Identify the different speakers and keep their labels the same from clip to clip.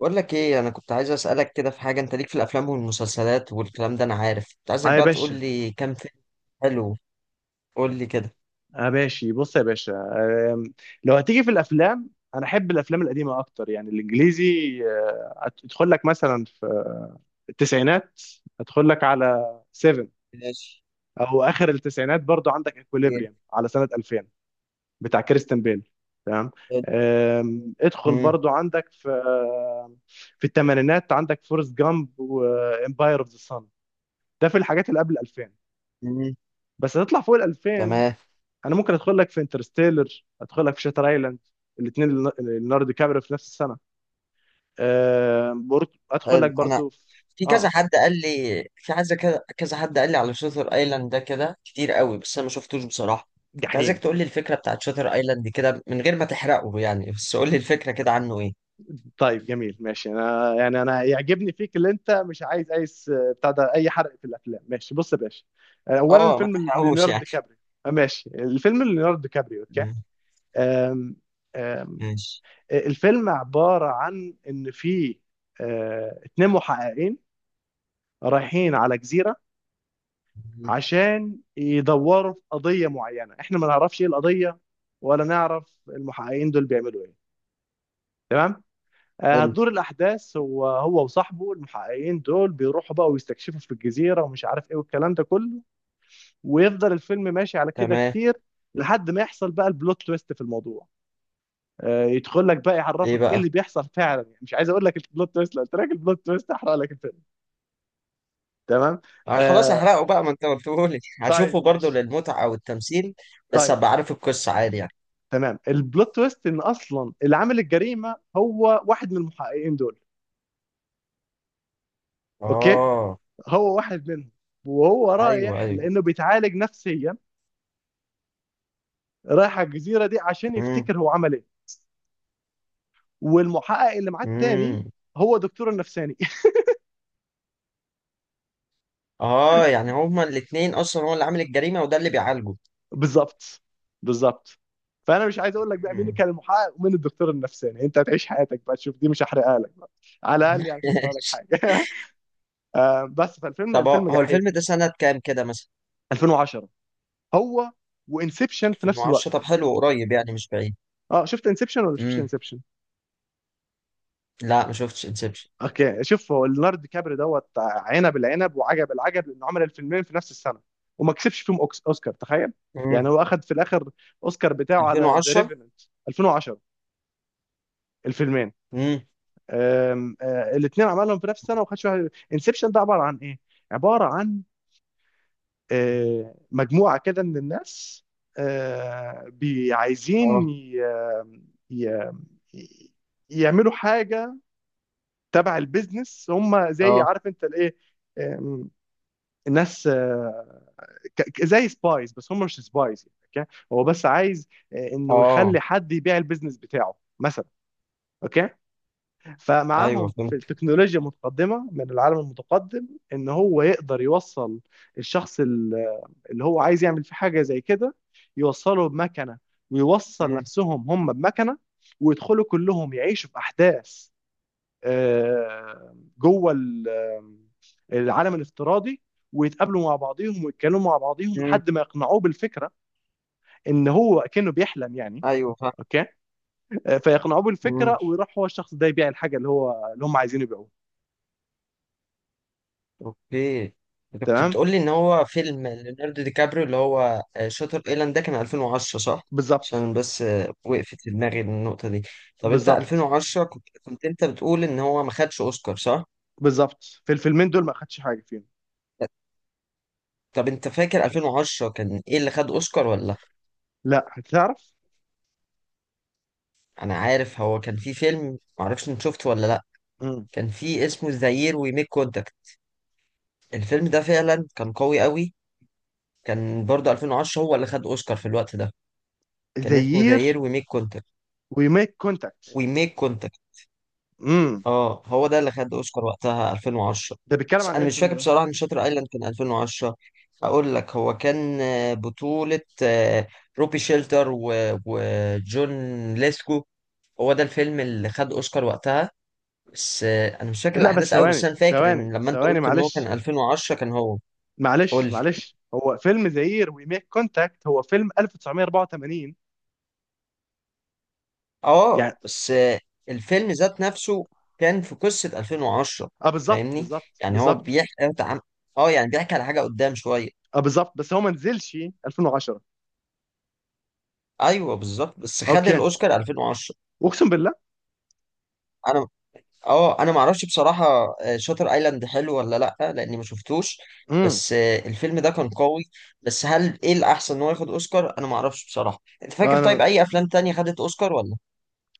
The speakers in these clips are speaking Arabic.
Speaker 1: بقول لك ايه، انا كنت عايز اسالك كده في حاجه. انت ليك في الافلام والمسلسلات والكلام ده، انا عارف. كنت
Speaker 2: اه
Speaker 1: عايزك
Speaker 2: يا
Speaker 1: بقى تقول
Speaker 2: باشا.
Speaker 1: لي كام فيلم حلو. قول لي كده.
Speaker 2: اه ماشي، بص يا باشا. آم، لو هتيجي في الافلام، انا احب الافلام القديمه اكتر يعني الانجليزي. آه، ادخل لك مثلا في التسعينات، ادخل لك على 7،
Speaker 1: ماشي.
Speaker 2: او اخر التسعينات برضو عندك
Speaker 1: إيه؟
Speaker 2: اكوليبريم على سنه 2000 بتاع كريستن بيل. تمام.
Speaker 1: حلو.
Speaker 2: ادخل
Speaker 1: مم.
Speaker 2: برضو عندك في الثمانينات عندك فورست جامب وامباير اوف ذا سان. ده في الحاجات اللي قبل 2000،
Speaker 1: مم.
Speaker 2: بس هتطلع فوق ال 2000.
Speaker 1: تمام.
Speaker 2: انا ممكن ادخل لك في انترستيلر، ادخل لك في شاتر ايلاند الاثنين، ليوناردو دي كابريو في نفس السنه. برضو ادخل لك
Speaker 1: حلو. انا
Speaker 2: برضو في
Speaker 1: في كذا
Speaker 2: اه
Speaker 1: حد قال لي، في عايز كذا كذا حد قال لي على شاتر ايلاند ده كده كتير قوي، بس انا ما شفتوش بصراحه. كنت عايزك
Speaker 2: جحيم.
Speaker 1: تقول لي الفكره بتاعت شاتر ايلاند كده من غير ما تحرقه يعني، بس قول لي الفكره كده عنه ايه.
Speaker 2: طيب جميل، ماشي. انا يعني انا يعجبني فيك اللي انت مش عايز اي بتاع ده، اي حرق في الافلام. ماشي بص يا باشا. اولا
Speaker 1: اه، ما
Speaker 2: الفيلم
Speaker 1: تحرقوش
Speaker 2: ليوناردو
Speaker 1: يعني.
Speaker 2: دي كابريو. ماشي، الفيلم ليوناردو دي كابريو، اوكي.
Speaker 1: تمام.
Speaker 2: آم، آم،
Speaker 1: ماشي.
Speaker 2: الفيلم عباره عن ان في اتنين محققين رايحين على جزيره
Speaker 1: مم.
Speaker 2: عشان يدوروا في قضية معينة. احنا ما نعرفش ايه القضية، ولا نعرف المحققين دول بيعملوا ايه. تمام.
Speaker 1: حلو.
Speaker 2: هتدور الاحداث. هو وصاحبه المحققين دول بيروحوا بقى ويستكشفوا في الجزيرة ومش عارف ايه والكلام ده كله. ويفضل الفيلم ماشي على كده
Speaker 1: تمام.
Speaker 2: كتير لحد ما يحصل بقى البلوت تويست في الموضوع. يدخل لك بقى
Speaker 1: ايه
Speaker 2: يعرفك ايه
Speaker 1: بقى.
Speaker 2: اللي بيحصل فعلا. يعني مش عايز اقول لك البلوت تويست، لو قلت لك البلوت تويست هحرق لك الفيلم. تمام.
Speaker 1: خلاص
Speaker 2: آه
Speaker 1: احرقه بقى، ما انت قلتهولي. هشوفه
Speaker 2: طيب
Speaker 1: برضه
Speaker 2: ماشي.
Speaker 1: للمتعة والتمثيل، بس
Speaker 2: طيب.
Speaker 1: هبقى عارف القصة عادي يعني.
Speaker 2: تمام، البلوت تويست ان اصلا اللي عامل الجريمه هو واحد من المحققين دول. اوكي،
Speaker 1: اه.
Speaker 2: هو واحد منهم، وهو
Speaker 1: ايوه،
Speaker 2: رايح
Speaker 1: ايوه.
Speaker 2: لانه بيتعالج نفسيا، رايح على الجزيره دي عشان
Speaker 1: امم.
Speaker 2: يفتكر هو عمل ايه. والمحقق اللي معاه التاني
Speaker 1: امم.
Speaker 2: هو دكتور النفساني
Speaker 1: اه يعني هما الاتنين اصلا، هو اللي عامل الجريمة وده اللي بيعالجه.
Speaker 2: بالظبط، بالظبط. فانا مش عايز اقول لك بقى مين
Speaker 1: مم.
Speaker 2: كان المحقق ومين الدكتور النفساني، انت هتعيش حياتك بقى تشوف دي، مش هحرقها لك بقى. على الاقل يعني مش هحرق لك حاجه بس
Speaker 1: طب هو
Speaker 2: الفيلم
Speaker 1: هو
Speaker 2: جحيم
Speaker 1: الفيلم ده
Speaker 2: يعني.
Speaker 1: سنة كام كده مثلا؟
Speaker 2: 2010، هو وانسبشن في نفس
Speaker 1: 2010.
Speaker 2: الوقت.
Speaker 1: طب حلو، قريب يعني مش بعيد.
Speaker 2: اه شفت انسبشن ولا شفتش
Speaker 1: امم.
Speaker 2: انسبشن؟
Speaker 1: لا، ما شفتش انسبشن.
Speaker 2: اوكي، شوف، هو ليوناردو دي كابري دوت عنب العنب وعجب العجب لانه عمل الفيلمين في نفس السنه وما كسبش فيهم اوسكار، تخيل. يعني
Speaker 1: امم.
Speaker 2: هو اخذ في الاخر اوسكار بتاعه على ذا
Speaker 1: 2010.
Speaker 2: ريفيننت 2010. الفيلمين
Speaker 1: امم.
Speaker 2: الاثنين عملهم في نفس السنه وما خدش واحد. انسبشن ده عباره عن ايه؟ عباره عن مجموعه كده من الناس،
Speaker 1: اه.
Speaker 2: عايزين ي- يعملوا حاجة تبع البيزنس، هم زي
Speaker 1: اه.
Speaker 2: عارف انت الايه. آم، الناس زي سبايز بس هم مش سبايز يعني. اوكي، هو بس عايز انه
Speaker 1: اه.
Speaker 2: يخلي حد يبيع البيزنس بتاعه مثلا. اوكي،
Speaker 1: ايوه
Speaker 2: فمعاهم في
Speaker 1: فهمت.
Speaker 2: التكنولوجيا متقدمه من العالم المتقدم، ان هو يقدر يوصل الشخص اللي هو عايز يعمل فيه حاجه زي كده، يوصله بمكنه، ويوصل
Speaker 1: امم.
Speaker 2: نفسهم هم بمكنه، ويدخلوا كلهم يعيشوا في احداث جوه العالم الافتراضي، ويتقابلوا مع بعضيهم ويتكلموا مع بعضيهم
Speaker 1: امم.
Speaker 2: لحد ما يقنعوه بالفكره ان هو كانه بيحلم يعني.
Speaker 1: ايوه
Speaker 2: اوكي. فيقنعوه بالفكره
Speaker 1: فهمت.
Speaker 2: ويروح هو الشخص ده يبيع الحاجه اللي هم عايزين يبيعوها.
Speaker 1: اوكي. انت كنت
Speaker 2: تمام.
Speaker 1: بتقول لي ان هو فيلم ليوناردو دي كابريو اللي هو شاتر ايلاند ده كان 2010 صح؟
Speaker 2: بالظبط.
Speaker 1: عشان بس وقفت في دماغي النقطة دي. طب انت
Speaker 2: بالظبط.
Speaker 1: 2010 كنت انت بتقول ان هو ما خدش اوسكار صح؟
Speaker 2: بالظبط، في الفيلمين دول ما خدش حاجه فيهم.
Speaker 1: طب انت فاكر 2010 كان ايه اللي خد اوسكار ولا؟
Speaker 2: لا هتعرف.
Speaker 1: انا عارف هو كان في فيلم. ما اعرفش انت شفته ولا لا.
Speaker 2: امم.
Speaker 1: كان في اسمه ذا يير وي ميك كونتاكت. الفيلم ده فعلا كان قوي قوي. كان برضه 2010 هو اللي خد اوسكار في الوقت ده. كان
Speaker 2: ذا
Speaker 1: اسمه ذا يير
Speaker 2: يير
Speaker 1: وي ميك كونتاكت.
Speaker 2: وي ميك كونتاكت.
Speaker 1: وي ميك.
Speaker 2: امم.
Speaker 1: اه هو ده اللي خد اوسكار وقتها 2010.
Speaker 2: ده بيتكلم
Speaker 1: بس
Speaker 2: عن ايه
Speaker 1: انا مش
Speaker 2: الفيلم
Speaker 1: فاكر
Speaker 2: ده؟
Speaker 1: بصراحه ان شاتر ايلاند كان 2010. اقول لك هو كان بطوله روبي شيلتر وجون ليسكو. هو ده الفيلم اللي خد اوسكار وقتها. بس انا مش فاكر
Speaker 2: لا بس
Speaker 1: الاحداث قوي، بس
Speaker 2: ثواني
Speaker 1: انا فاكر
Speaker 2: ثواني
Speaker 1: ان لما انت
Speaker 2: ثواني،
Speaker 1: قلت ان هو كان
Speaker 2: معلش
Speaker 1: 2010 كان هو. قول
Speaker 2: معلش
Speaker 1: لي.
Speaker 2: معلش، هو فيلم ذا يير وي ميك كونتاكت هو فيلم 1984
Speaker 1: اه
Speaker 2: يعني.
Speaker 1: بس الفيلم ذات نفسه كان في قصه 2010،
Speaker 2: اه بالظبط
Speaker 1: فاهمني؟
Speaker 2: بالظبط
Speaker 1: يعني هو
Speaker 2: بالظبط.
Speaker 1: بيحكي. اه يعني بيحكي على حاجه قدام شويه.
Speaker 2: اه بالظبط بس هو ما نزلش 2010.
Speaker 1: ايوه بالظبط، بس خد
Speaker 2: اوكي،
Speaker 1: الاوسكار 2010.
Speaker 2: اقسم بالله.
Speaker 1: انا اه، انا ما اعرفش بصراحه. شاتر ايلاند حلو ولا لا، لاني ما شفتوش.
Speaker 2: امم.
Speaker 1: بس الفيلم ده كان قوي. بس هل ايه الاحسن ان هو ياخد اوسكار؟ انا ما اعرفش بصراحه. انت فاكر طيب
Speaker 2: انا
Speaker 1: اي افلام تانية خدت اوسكار ولا؟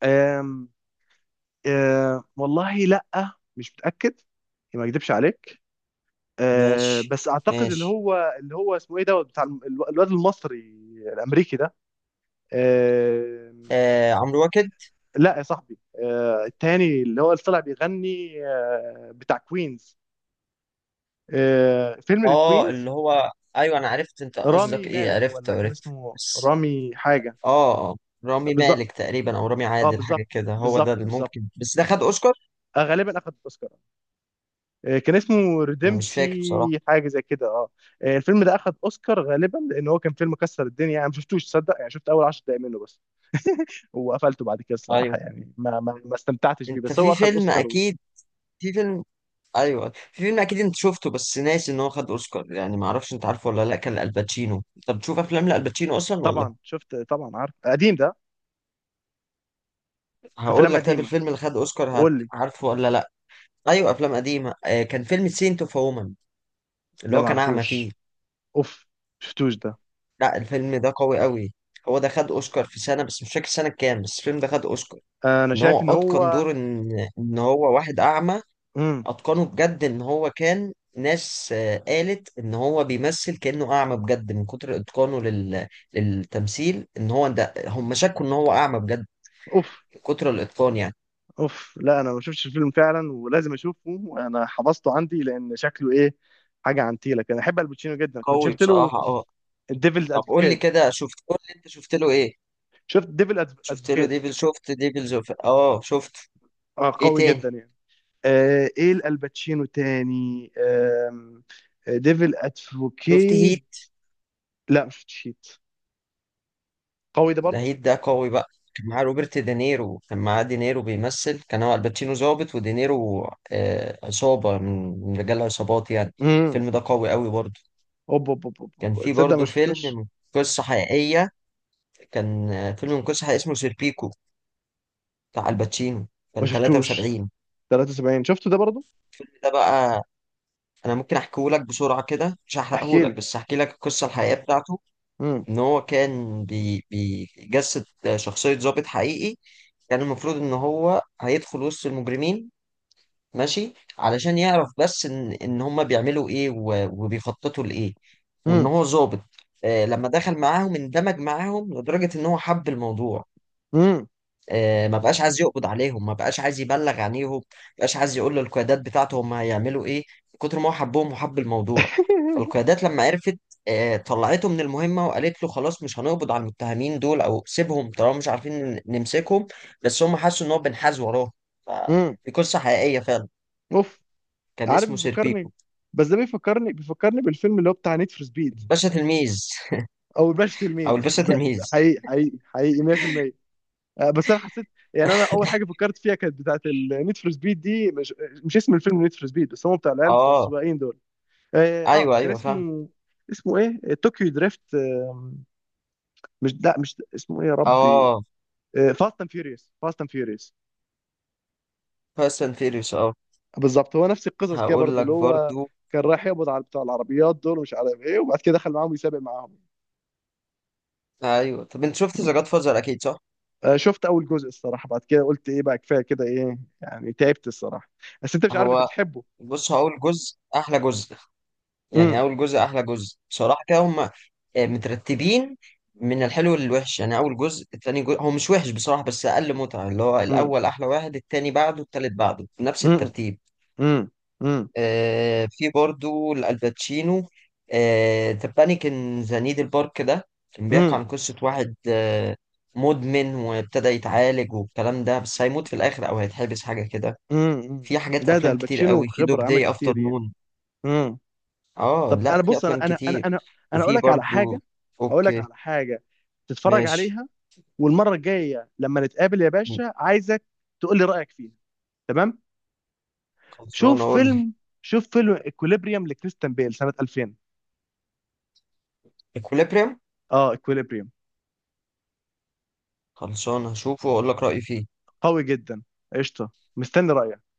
Speaker 2: أم... والله لا، مش متاكد، ما اكدبش عليك.
Speaker 1: ماشي.
Speaker 2: بس اعتقد
Speaker 1: ماشي.
Speaker 2: اللي هو اسمه ايه دوت، بتاع الواد المصري الامريكي ده. أه
Speaker 1: آه عمرو واكد.
Speaker 2: لا يا صاحبي. التاني اللي طلع بيغني، بتاع كوينز. فيلم
Speaker 1: اه
Speaker 2: الكوينز.
Speaker 1: اللي هو، ايوه انا عرفت انت قصدك
Speaker 2: رامي
Speaker 1: ايه،
Speaker 2: مالك
Speaker 1: عرفت
Speaker 2: ولا كان
Speaker 1: عرفت.
Speaker 2: اسمه
Speaker 1: بس
Speaker 2: رامي حاجه.
Speaker 1: اه، اه رامي
Speaker 2: بالظبط.
Speaker 1: مالك تقريبا، او رامي
Speaker 2: اه
Speaker 1: عادل حاجه
Speaker 2: بالظبط.
Speaker 1: كده، هو ده
Speaker 2: بالظبط
Speaker 1: اللي
Speaker 2: بالظبط.
Speaker 1: ممكن، بس ده خد اوسكار.
Speaker 2: غالبا اخد اوسكار. كان اسمه
Speaker 1: انا مش فاكر بصراحه.
Speaker 2: ريديمسي حاجه زي كده، اه. الفيلم ده اخد اوسكار غالبا لان هو كان فيلم كسر الدنيا. انا ما شفتوش، تصدق. يعني شفت اول 10 دقايق منه بس، وقفلته بعد كده الصراحه.
Speaker 1: ايوه
Speaker 2: يعني ما استمتعتش بيه.
Speaker 1: انت
Speaker 2: بس
Speaker 1: في
Speaker 2: هو اخد
Speaker 1: فيلم
Speaker 2: اوسكار و...
Speaker 1: اكيد. في فيلم. ايوه في فيلم اكيد انت شفته بس ناسي ان هو خد اوسكار يعني. ما اعرفش انت عارفه ولا لا، كان الباتشينو. انت بتشوف افلام لالباتشينو اصلا ولا؟
Speaker 2: طبعا شفت، طبعا عارف قديم ده.
Speaker 1: هقول
Speaker 2: افلام
Speaker 1: لك طيب
Speaker 2: قديمه.
Speaker 1: الفيلم اللي خد اوسكار
Speaker 2: قول لي.
Speaker 1: عارفه ولا لا. ايوه افلام قديمه. آه كان فيلم سينت اوف وومن اللي
Speaker 2: ده
Speaker 1: هو
Speaker 2: ما
Speaker 1: كان اعمى فيه.
Speaker 2: اعرفوش. اوف. شفتوش ده.
Speaker 1: لا الفيلم ده قوي قوي. هو ده خد اوسكار في سنه، بس مش فاكر سنه كام، بس الفيلم ده خد اوسكار.
Speaker 2: انا
Speaker 1: ان هو
Speaker 2: شايف ان
Speaker 1: اتقن
Speaker 2: هو.
Speaker 1: دور ان، ان هو واحد اعمى.
Speaker 2: امم.
Speaker 1: اتقنه بجد، ان هو كان ناس قالت ان هو بيمثل كانه اعمى بجد من كتر اتقانه للتمثيل، ان هو ده هم شكوا ان هو اعمى بجد
Speaker 2: اوف.
Speaker 1: من كتر الاتقان يعني.
Speaker 2: اوف لا، انا ما شفتش الفيلم فعلا، ولازم اشوفه، انا حفظته عندي لان شكله ايه. حاجه عن تيلك. انا احب الباتشينو جدا. كنت
Speaker 1: قوي
Speaker 2: شفت له
Speaker 1: بصراحه اه.
Speaker 2: الديفلز
Speaker 1: طب قول لي
Speaker 2: ادفوكيت.
Speaker 1: كده، شفت، قول لي انت شفت له ايه.
Speaker 2: شفت ديفل
Speaker 1: شفت له
Speaker 2: ادفوكيت.
Speaker 1: ديفل، شفت ديفل زوف، اه شفت.
Speaker 2: اه،
Speaker 1: ايه
Speaker 2: قوي
Speaker 1: تاني؟
Speaker 2: جدا يعني. ايه الباتشينو تاني. ديفل
Speaker 1: شفت
Speaker 2: ادفوكيت.
Speaker 1: هيت؟
Speaker 2: لا، ما شفتش هيت، قوي ده
Speaker 1: ده
Speaker 2: برضه.
Speaker 1: هيت ده قوي بقى. كان معاه روبرت دينيرو، كان معاه دينيرو بيمثل، كان هو الباتشينو ضابط ودينيرو آه عصابه، من رجال عصابات يعني.
Speaker 2: امم.
Speaker 1: الفيلم ده قوي قوي برضه.
Speaker 2: اوب اوب اوب أوب،
Speaker 1: كان
Speaker 2: أوب.
Speaker 1: في
Speaker 2: تصدق ما
Speaker 1: برضو فيلم
Speaker 2: شفتوش.
Speaker 1: من قصة حقيقية. كان فيلم من قصة حقيقية اسمه سيربيكو، بتاع الباتشينو.
Speaker 2: ما
Speaker 1: كان
Speaker 2: شفتوش.
Speaker 1: 73.
Speaker 2: 73، شفته ده برضه.
Speaker 1: الفيلم ده بقى، أنا ممكن أحكيه لك بسرعة كده، مش هحرقه
Speaker 2: احكي
Speaker 1: لك
Speaker 2: لي.
Speaker 1: بس أحكي لك القصة الحقيقية بتاعته.
Speaker 2: امم.
Speaker 1: إن هو كان بيجسد شخصية ضابط حقيقي. كان المفروض إن هو هيدخل وسط المجرمين، ماشي، علشان يعرف بس إن هما بيعملوا إيه وبيخططوا لإيه، وإن
Speaker 2: امم.
Speaker 1: هو ظابط. لما دخل معاهم اندمج معاهم لدرجة إن هو حب الموضوع.
Speaker 2: امم.
Speaker 1: ما بقاش عايز يقبض عليهم، ما بقاش عايز يبلغ عنيهم، ما بقاش عايز يقول للقيادات بتاعته هم هيعملوا ايه، من كتر ما هو حبهم وحب الموضوع. فالقيادات لما عرفت طلعته من المهمة وقالت له خلاص مش هنقبض على المتهمين دول، او سيبهم طالما مش عارفين نمسكهم. بس هم حسوا ان هو بنحاز وراهم، فدي قصة حقيقية فعلا.
Speaker 2: اوف.
Speaker 1: كان
Speaker 2: عارف
Speaker 1: اسمه
Speaker 2: بيفكرني.
Speaker 1: سيربيكو.
Speaker 2: بس ده بيفكرني بيفكرني بالفيلم اللي هو بتاع نيد فور سبيد،
Speaker 1: الباشا تلميذ.
Speaker 2: او الباشا
Speaker 1: او
Speaker 2: تلميذ
Speaker 1: الباشا تلميذ.
Speaker 2: حقيقي حقيقي حقيقي 100%. بس انا حسيت يعني. انا اول حاجه فكرت فيها كانت بتاعت النيد فور سبيد دي. مش اسم الفيلم نيد فور سبيد، بس هو بتاع العيال بتاع
Speaker 1: اه.
Speaker 2: السواقين دول. اه.
Speaker 1: ايوه
Speaker 2: كان
Speaker 1: ايوه فاهم.
Speaker 2: اسمه ايه، طوكيو دريفت. مش، لا، مش اسمه ايه يا ربي.
Speaker 1: اه.
Speaker 2: فاست اند فيوريوس فاست اند فيوريوس.
Speaker 1: فاست اند فيريوس اه.
Speaker 2: بالظبط، هو نفس القصص كده
Speaker 1: هقول
Speaker 2: برضه،
Speaker 1: لك
Speaker 2: اللي هو
Speaker 1: برضو.
Speaker 2: كان رايح يقبض على بتاع العربيات دول مش عارف ايه، وبعد كده دخل معاهم يسابق معاهم.
Speaker 1: ايوه طب انت شفت ذا جاد فازر اكيد صح؟
Speaker 2: شفت اول جزء الصراحه، بعد كده قلت ايه بقى، كفايه كده، ايه يعني، تعبت الصراحه. بس انت مش عارف انت
Speaker 1: هو،
Speaker 2: بتحبه.
Speaker 1: بص، هو اول جزء احلى جزء. يعني
Speaker 2: امم.
Speaker 1: اول جزء احلى جزء بصراحه كده. هم مترتبين من الحلو للوحش يعني. اول جزء، التاني جزء هو مش وحش بصراحه بس اقل متعه. اللي هو
Speaker 2: امم.
Speaker 1: الاول احلى واحد، التاني بعده، التالت بعده، نفس
Speaker 2: امم.
Speaker 1: الترتيب.
Speaker 2: امم. امم.
Speaker 1: آه في برضو الباتشينو. آه ذا بانيك ان ذا نيدل بارك، ده كان بيحكي
Speaker 2: امم.
Speaker 1: عن قصه واحد آه مدمن، وابتدى يتعالج والكلام ده، بس هيموت في الاخر او هيتحبس حاجه كده.
Speaker 2: امم.
Speaker 1: في حاجات
Speaker 2: ده
Speaker 1: افلام كتير
Speaker 2: الباتشينو،
Speaker 1: قوي. في دوج
Speaker 2: خبره عمل
Speaker 1: داي افتر
Speaker 2: كتير يعني.
Speaker 1: نون.
Speaker 2: امم.
Speaker 1: اه
Speaker 2: طب
Speaker 1: لا
Speaker 2: انا
Speaker 1: في
Speaker 2: بص،
Speaker 1: افلام كتير.
Speaker 2: انا اقول
Speaker 1: وفي
Speaker 2: لك على
Speaker 1: برضو.
Speaker 2: حاجه، اقول لك
Speaker 1: اوكي.
Speaker 2: على حاجه تتفرج
Speaker 1: ماشي.
Speaker 2: عليها، والمره الجايه لما نتقابل يا باشا عايزك تقول لي رايك فيها. تمام. شوف
Speaker 1: خلصانه اقول لك.
Speaker 2: فيلم شوف فيلم اكوليبريم لكريستيان بيل سنه 2000.
Speaker 1: اكوليبريم.
Speaker 2: اه اكوليبريم.
Speaker 1: خلصانه هشوفه واقول لك رايي فيه.
Speaker 2: قوي جدا. قشطه. مستني رايك.